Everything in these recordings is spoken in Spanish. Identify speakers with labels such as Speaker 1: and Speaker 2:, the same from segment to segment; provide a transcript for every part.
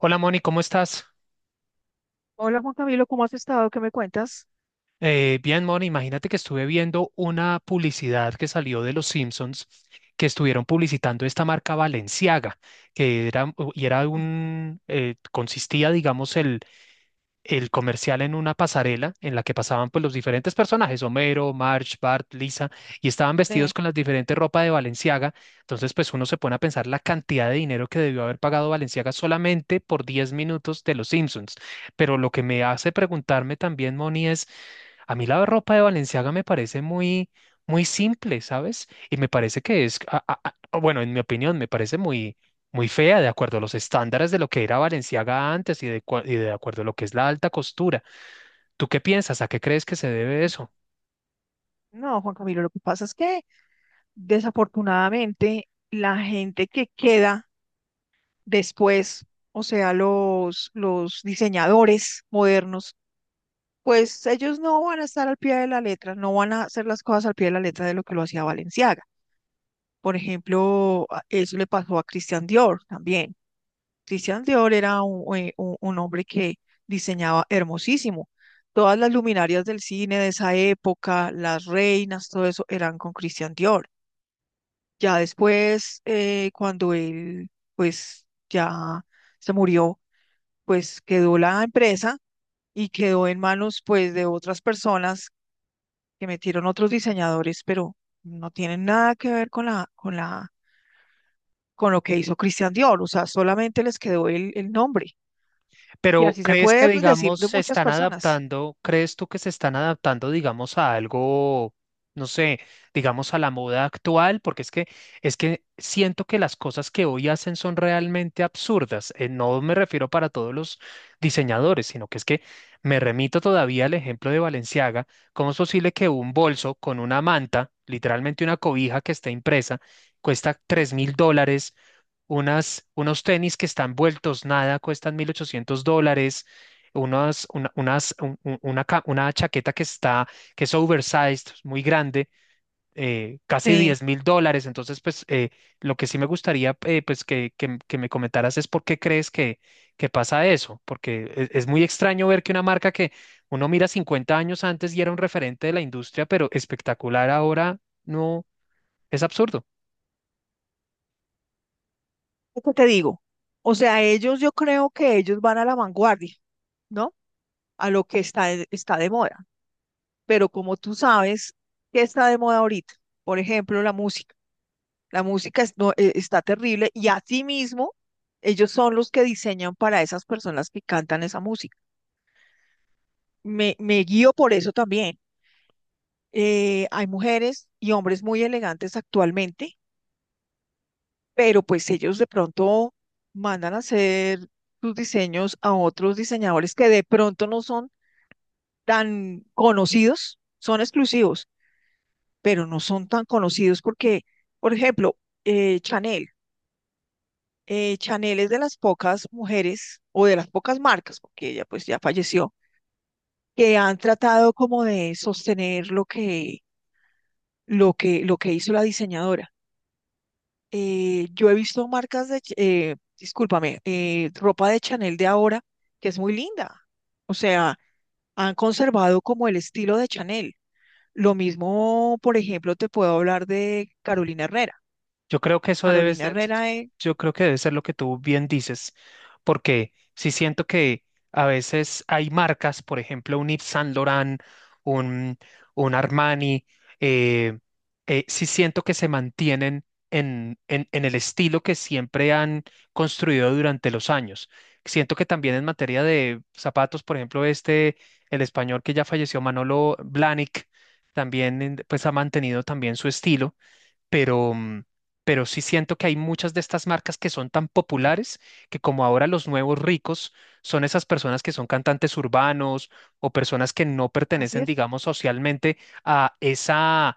Speaker 1: Hola Moni, ¿cómo estás?
Speaker 2: Hola Juan Camilo, ¿cómo has estado? ¿Qué me cuentas?
Speaker 1: Bien, Moni, imagínate que estuve viendo una publicidad que salió de los Simpsons que estuvieron publicitando esta marca Balenciaga, que era, y era
Speaker 2: Sí.
Speaker 1: un, consistía, digamos, el comercial en una pasarela en la que pasaban pues los diferentes personajes, Homero, Marge, Bart, Lisa, y estaban vestidos
Speaker 2: Ve.
Speaker 1: con las diferentes ropas de Balenciaga. Entonces pues uno se pone a pensar la cantidad de dinero que debió haber pagado Balenciaga solamente por 10 minutos de Los Simpsons. Pero lo que me hace preguntarme también, Moni, es a mí la ropa de Balenciaga me parece muy, muy simple, ¿sabes? Y me parece que es, bueno, en mi opinión, me parece muy, muy fea, de acuerdo a los estándares de lo que era Valenciaga antes y y de acuerdo a lo que es la alta costura. ¿Tú qué piensas? ¿A qué crees que se debe eso?
Speaker 2: No, Juan Camilo, lo que pasa es que desafortunadamente la gente que queda después, o sea, los diseñadores modernos, pues ellos no van a estar al pie de la letra, no van a hacer las cosas al pie de la letra de lo que lo hacía Valenciaga. Por ejemplo, eso le pasó a Christian Dior también. Christian Dior era un hombre que diseñaba hermosísimo. Todas las luminarias del cine de esa época, las reinas, todo eso eran con Christian Dior. Ya después, cuando él, pues, ya se murió, pues quedó la empresa y quedó en manos, pues, de otras personas que metieron otros diseñadores, pero no tienen nada que ver con con lo que hizo Christian Dior. O sea, solamente les quedó el nombre. Y
Speaker 1: Pero
Speaker 2: así se
Speaker 1: ¿crees que,
Speaker 2: puede, pues, decir
Speaker 1: digamos,
Speaker 2: de
Speaker 1: se
Speaker 2: muchas
Speaker 1: están
Speaker 2: personas.
Speaker 1: adaptando? ¿Crees tú que se están adaptando, digamos, a algo, no sé, digamos, a la moda actual? Porque es que siento que las cosas que hoy hacen son realmente absurdas. No me refiero para todos los diseñadores, sino que es que me remito todavía al ejemplo de Balenciaga. ¿Cómo es posible que un bolso con una manta, literalmente una cobija que está impresa, cuesta $3.000? Unas, unos tenis que están vueltos nada, cuestan $1.800, unas, una, unas- un- una, ca- una chaqueta que es oversized, muy grande, casi diez
Speaker 2: Sí,
Speaker 1: mil dólares. Entonces, pues, lo que sí me gustaría, pues, que me comentaras es por qué crees que pasa eso, porque es muy extraño ver que una marca que uno mira 50 años antes y era un referente de la industria, pero espectacular ahora, no, es absurdo.
Speaker 2: es que te digo. O sea, ellos, yo creo que ellos van a la vanguardia, ¿no? A lo que está, está de moda. Pero como tú sabes, ¿qué está de moda ahorita? Por ejemplo, la música. La música no, está terrible y asimismo, ellos son los que diseñan para esas personas que cantan esa música. Me guío por eso también. Hay mujeres y hombres muy elegantes actualmente, pero pues ellos de pronto mandan a hacer sus diseños a otros diseñadores que de pronto no son tan conocidos, son exclusivos, pero no son tan conocidos porque, por ejemplo, Chanel, Chanel es de las pocas mujeres o de las pocas marcas, porque ella pues ya falleció, que han tratado como de sostener lo que hizo la diseñadora. Yo he visto marcas de, discúlpame, ropa de Chanel de ahora, que es muy linda. O sea, han conservado como el estilo de Chanel. Lo mismo, por ejemplo, te puedo hablar de Carolina Herrera.
Speaker 1: Yo creo que eso debe
Speaker 2: Carolina
Speaker 1: ser,
Speaker 2: Herrera,
Speaker 1: yo creo que debe ser lo que tú bien dices, porque sí siento que a veces hay marcas, por ejemplo, un Yves Saint Laurent, un, un Armani, eh, sí siento que se mantienen en el estilo que siempre han construido durante los años. Siento que también en materia de zapatos, por ejemplo, este, el español que ya falleció, Manolo Blahnik, también pues ha mantenido también su estilo, pero, mm, pero sí siento que hay muchas de estas marcas que son tan populares que como ahora los nuevos ricos son esas personas que son cantantes urbanos o personas que no
Speaker 2: así
Speaker 1: pertenecen,
Speaker 2: es,
Speaker 1: digamos, socialmente a esa...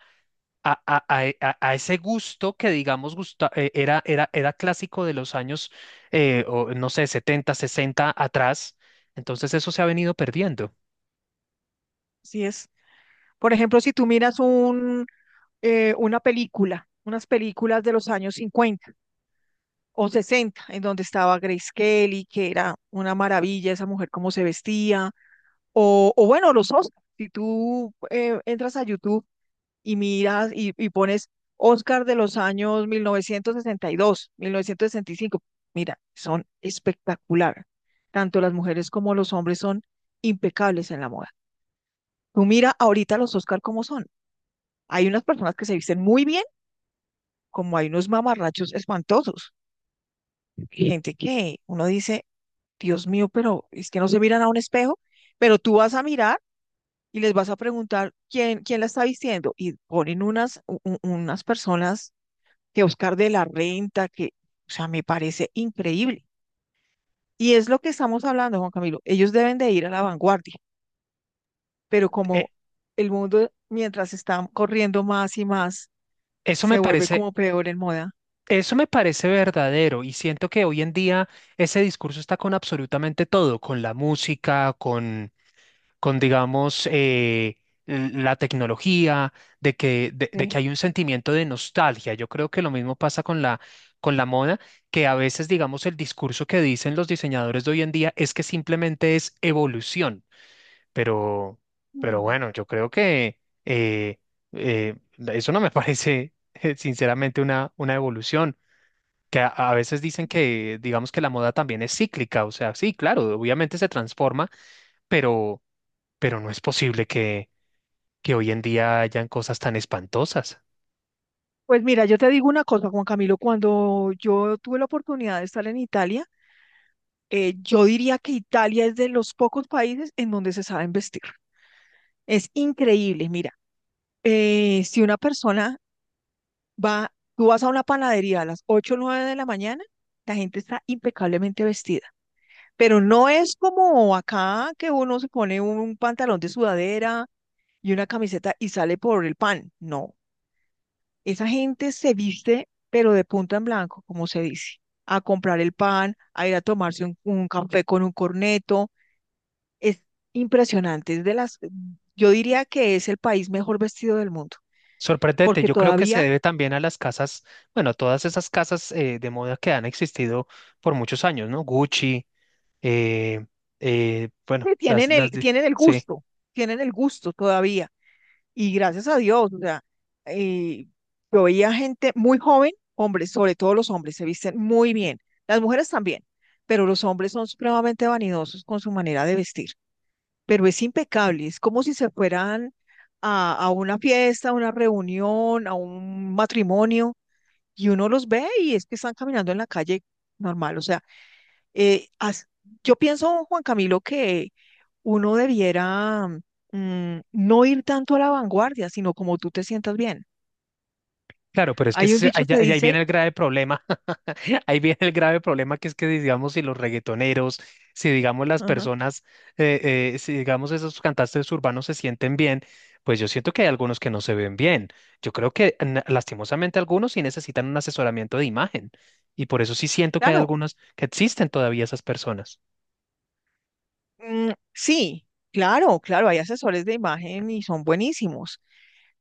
Speaker 1: A, a- e, a- a ese gusto que, digamos, era clásico de los años, o, no sé, 70 60 atrás. Entonces eso se ha venido perdiendo.
Speaker 2: así es. Por ejemplo, si tú miras una película, unas películas de los años 50 o 60, en donde estaba Grace Kelly, que era una maravilla esa mujer, cómo se vestía. O bueno, los Oscars. Si tú, entras a YouTube y miras y pones Oscar de los años 1962, 1965, mira, son espectacular. Tanto las mujeres como los hombres son impecables en la moda. Tú mira ahorita los Oscar cómo son. Hay unas personas que se visten muy bien, como hay unos mamarrachos espantosos. Gente que uno dice, Dios mío, pero es que no se miran a un espejo, pero tú vas a mirar y les vas a preguntar quién, quién la está vistiendo y ponen unas, unas personas que Oscar de la Renta, que, o sea, me parece increíble. Y es lo que estamos hablando, Juan Camilo. Ellos deben de ir a la vanguardia, pero
Speaker 1: Eh,
Speaker 2: como el mundo, mientras está corriendo más y más,
Speaker 1: eso
Speaker 2: se
Speaker 1: me
Speaker 2: vuelve
Speaker 1: parece,
Speaker 2: como peor en moda.
Speaker 1: Eso me parece verdadero y siento que hoy en día ese discurso está con absolutamente todo, con la música, con digamos, la tecnología, de que
Speaker 2: ¿Sí?
Speaker 1: hay un sentimiento de nostalgia. Yo creo que lo mismo pasa con la, moda, que a veces, digamos, el discurso que dicen los diseñadores de hoy en día es que simplemente es evolución, pero, pero
Speaker 2: Mm.
Speaker 1: bueno, yo creo que eh, eh, eso no me parece, sinceramente, una evolución, que a veces dicen que, digamos que la moda también es cíclica, o sea, sí, claro, obviamente se transforma, pero, pero no es posible que hoy en día hayan cosas tan espantosas.
Speaker 2: Pues mira, yo te digo una cosa, Juan Camilo, cuando yo tuve la oportunidad de estar en Italia, yo diría que Italia es de los pocos países en donde se saben vestir. Es increíble, mira, si una persona va, tú vas a una panadería a las 8 o 9 de la mañana, la gente está impecablemente vestida, pero no es como acá que uno se pone un pantalón de sudadera y una camiseta y sale por el pan, no, esa gente se viste, pero de punta en blanco, como se dice, a comprar el pan, a ir a tomarse un café con un corneto, es impresionante, es de las, yo diría que es el país mejor vestido del mundo.
Speaker 1: Sorprendente,
Speaker 2: Porque
Speaker 1: yo creo que se
Speaker 2: todavía
Speaker 1: debe también a las casas, bueno, todas esas casas de moda que han existido por muchos años, ¿no? Gucci, eh, bueno, las,
Speaker 2: tienen el,
Speaker 1: las de,
Speaker 2: tienen el
Speaker 1: sí,
Speaker 2: gusto, tienen el gusto todavía. Y gracias a Dios, o sea, eh, yo veía gente muy joven, hombres, sobre todo los hombres, se visten muy bien, las mujeres también, pero los hombres son supremamente vanidosos con su manera de vestir, pero es impecable, es como si se fueran a una fiesta, a una reunión, a un matrimonio, y uno los ve y es que están caminando en la calle normal, o sea, eh, as- yo pienso, Juan Camilo, que uno debiera, mm, no ir tanto a la vanguardia, sino como tú te sientas bien.
Speaker 1: claro, pero es que
Speaker 2: Hay un dicho que
Speaker 1: ahí viene
Speaker 2: dice,
Speaker 1: el grave problema. Ahí viene el grave problema que es que, digamos, si los reggaetoneros, si, digamos, las
Speaker 2: ajá.
Speaker 1: personas, si, digamos, esos cantantes urbanos se sienten bien, pues yo siento que hay algunos que no se ven bien. Yo creo que lastimosamente algunos sí necesitan un asesoramiento de imagen y por eso sí siento que hay
Speaker 2: Claro,
Speaker 1: algunos que existen todavía esas personas.
Speaker 2: mm, sí, claro, claro, hay asesores de imagen y son buenísimos,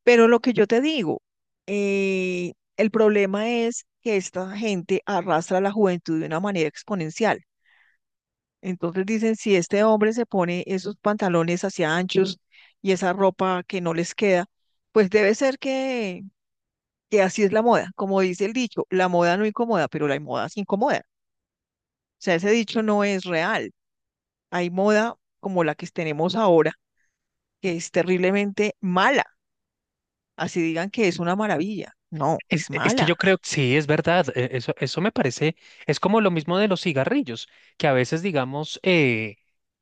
Speaker 2: pero lo que yo te digo, el problema es que esta gente arrastra a la juventud de una manera exponencial. Entonces dicen, si este hombre se pone esos pantalones hacia anchos y esa ropa que no les queda, pues debe ser que así es la moda. Como dice el dicho, la moda no incomoda, pero la moda sí incomoda. O sea, ese dicho no es real. Hay moda como la que tenemos ahora, que es terriblemente mala. Así digan que es una maravilla. No,
Speaker 1: Es,
Speaker 2: es
Speaker 1: e, es que yo
Speaker 2: mala.
Speaker 1: creo que sí, es verdad. Eso me parece, es como lo mismo de los cigarrillos, que a veces, digamos, eh,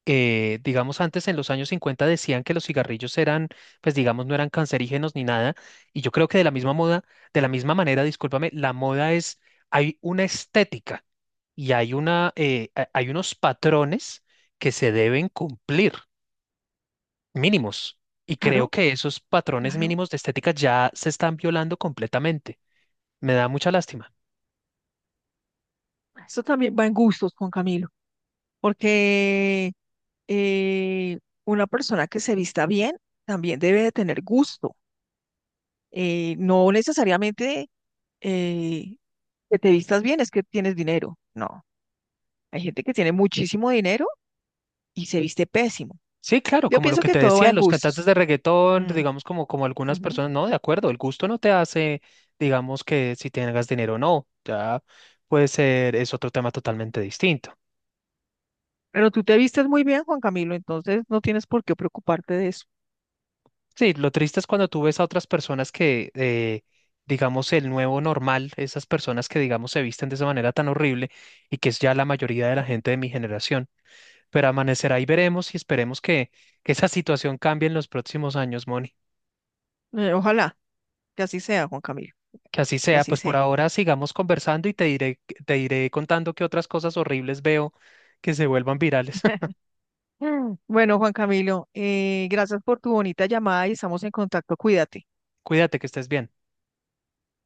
Speaker 1: eh, digamos, antes en los años 50 decían que los cigarrillos eran, pues digamos, no eran cancerígenos ni nada. Y yo creo que de la misma moda, de la misma manera, discúlpame, la moda es, hay una estética y hay unos patrones que se deben cumplir, mínimos. Y
Speaker 2: Claro,
Speaker 1: creo que esos patrones
Speaker 2: claro.
Speaker 1: mínimos de estética ya se están violando completamente. Me da mucha lástima.
Speaker 2: Esto también va en gustos, Juan Camilo, porque eh, una persona que se vista bien también debe de tener gusto. No necesariamente eh, que te vistas bien es que tienes dinero. No, hay gente que tiene muchísimo dinero y se viste pésimo.
Speaker 1: Sí, claro,
Speaker 2: Yo
Speaker 1: como lo
Speaker 2: pienso
Speaker 1: que
Speaker 2: que
Speaker 1: te
Speaker 2: todo va
Speaker 1: decía,
Speaker 2: en
Speaker 1: los cantantes
Speaker 2: gustos.
Speaker 1: de reggaetón,
Speaker 2: Mm,
Speaker 1: digamos como algunas
Speaker 2: ujú.
Speaker 1: personas, no, de acuerdo, el gusto no te hace, digamos que si tengas dinero o no, ya puede ser, es otro tema totalmente distinto.
Speaker 2: Pero tú te vistes muy bien, Juan Camilo, entonces no tienes por qué preocuparte de eso.
Speaker 1: Sí, lo triste es cuando tú ves a otras personas que, digamos, el nuevo normal, esas personas que, digamos, se visten de esa manera tan horrible y que es ya la mayoría de la gente de mi generación. Pero amanecerá y veremos y esperemos que esa situación cambie en los próximos años, Moni.
Speaker 2: Ojalá que así sea, Juan Camilo,
Speaker 1: Que así
Speaker 2: que
Speaker 1: sea,
Speaker 2: así
Speaker 1: pues por
Speaker 2: sea.
Speaker 1: ahora sigamos conversando y te iré contando qué otras cosas horribles veo que se vuelvan virales.
Speaker 2: Mm. Bueno, Juan Camilo, gracias por tu bonita llamada y estamos en contacto. Cuídate.
Speaker 1: Cuídate, que estés bien.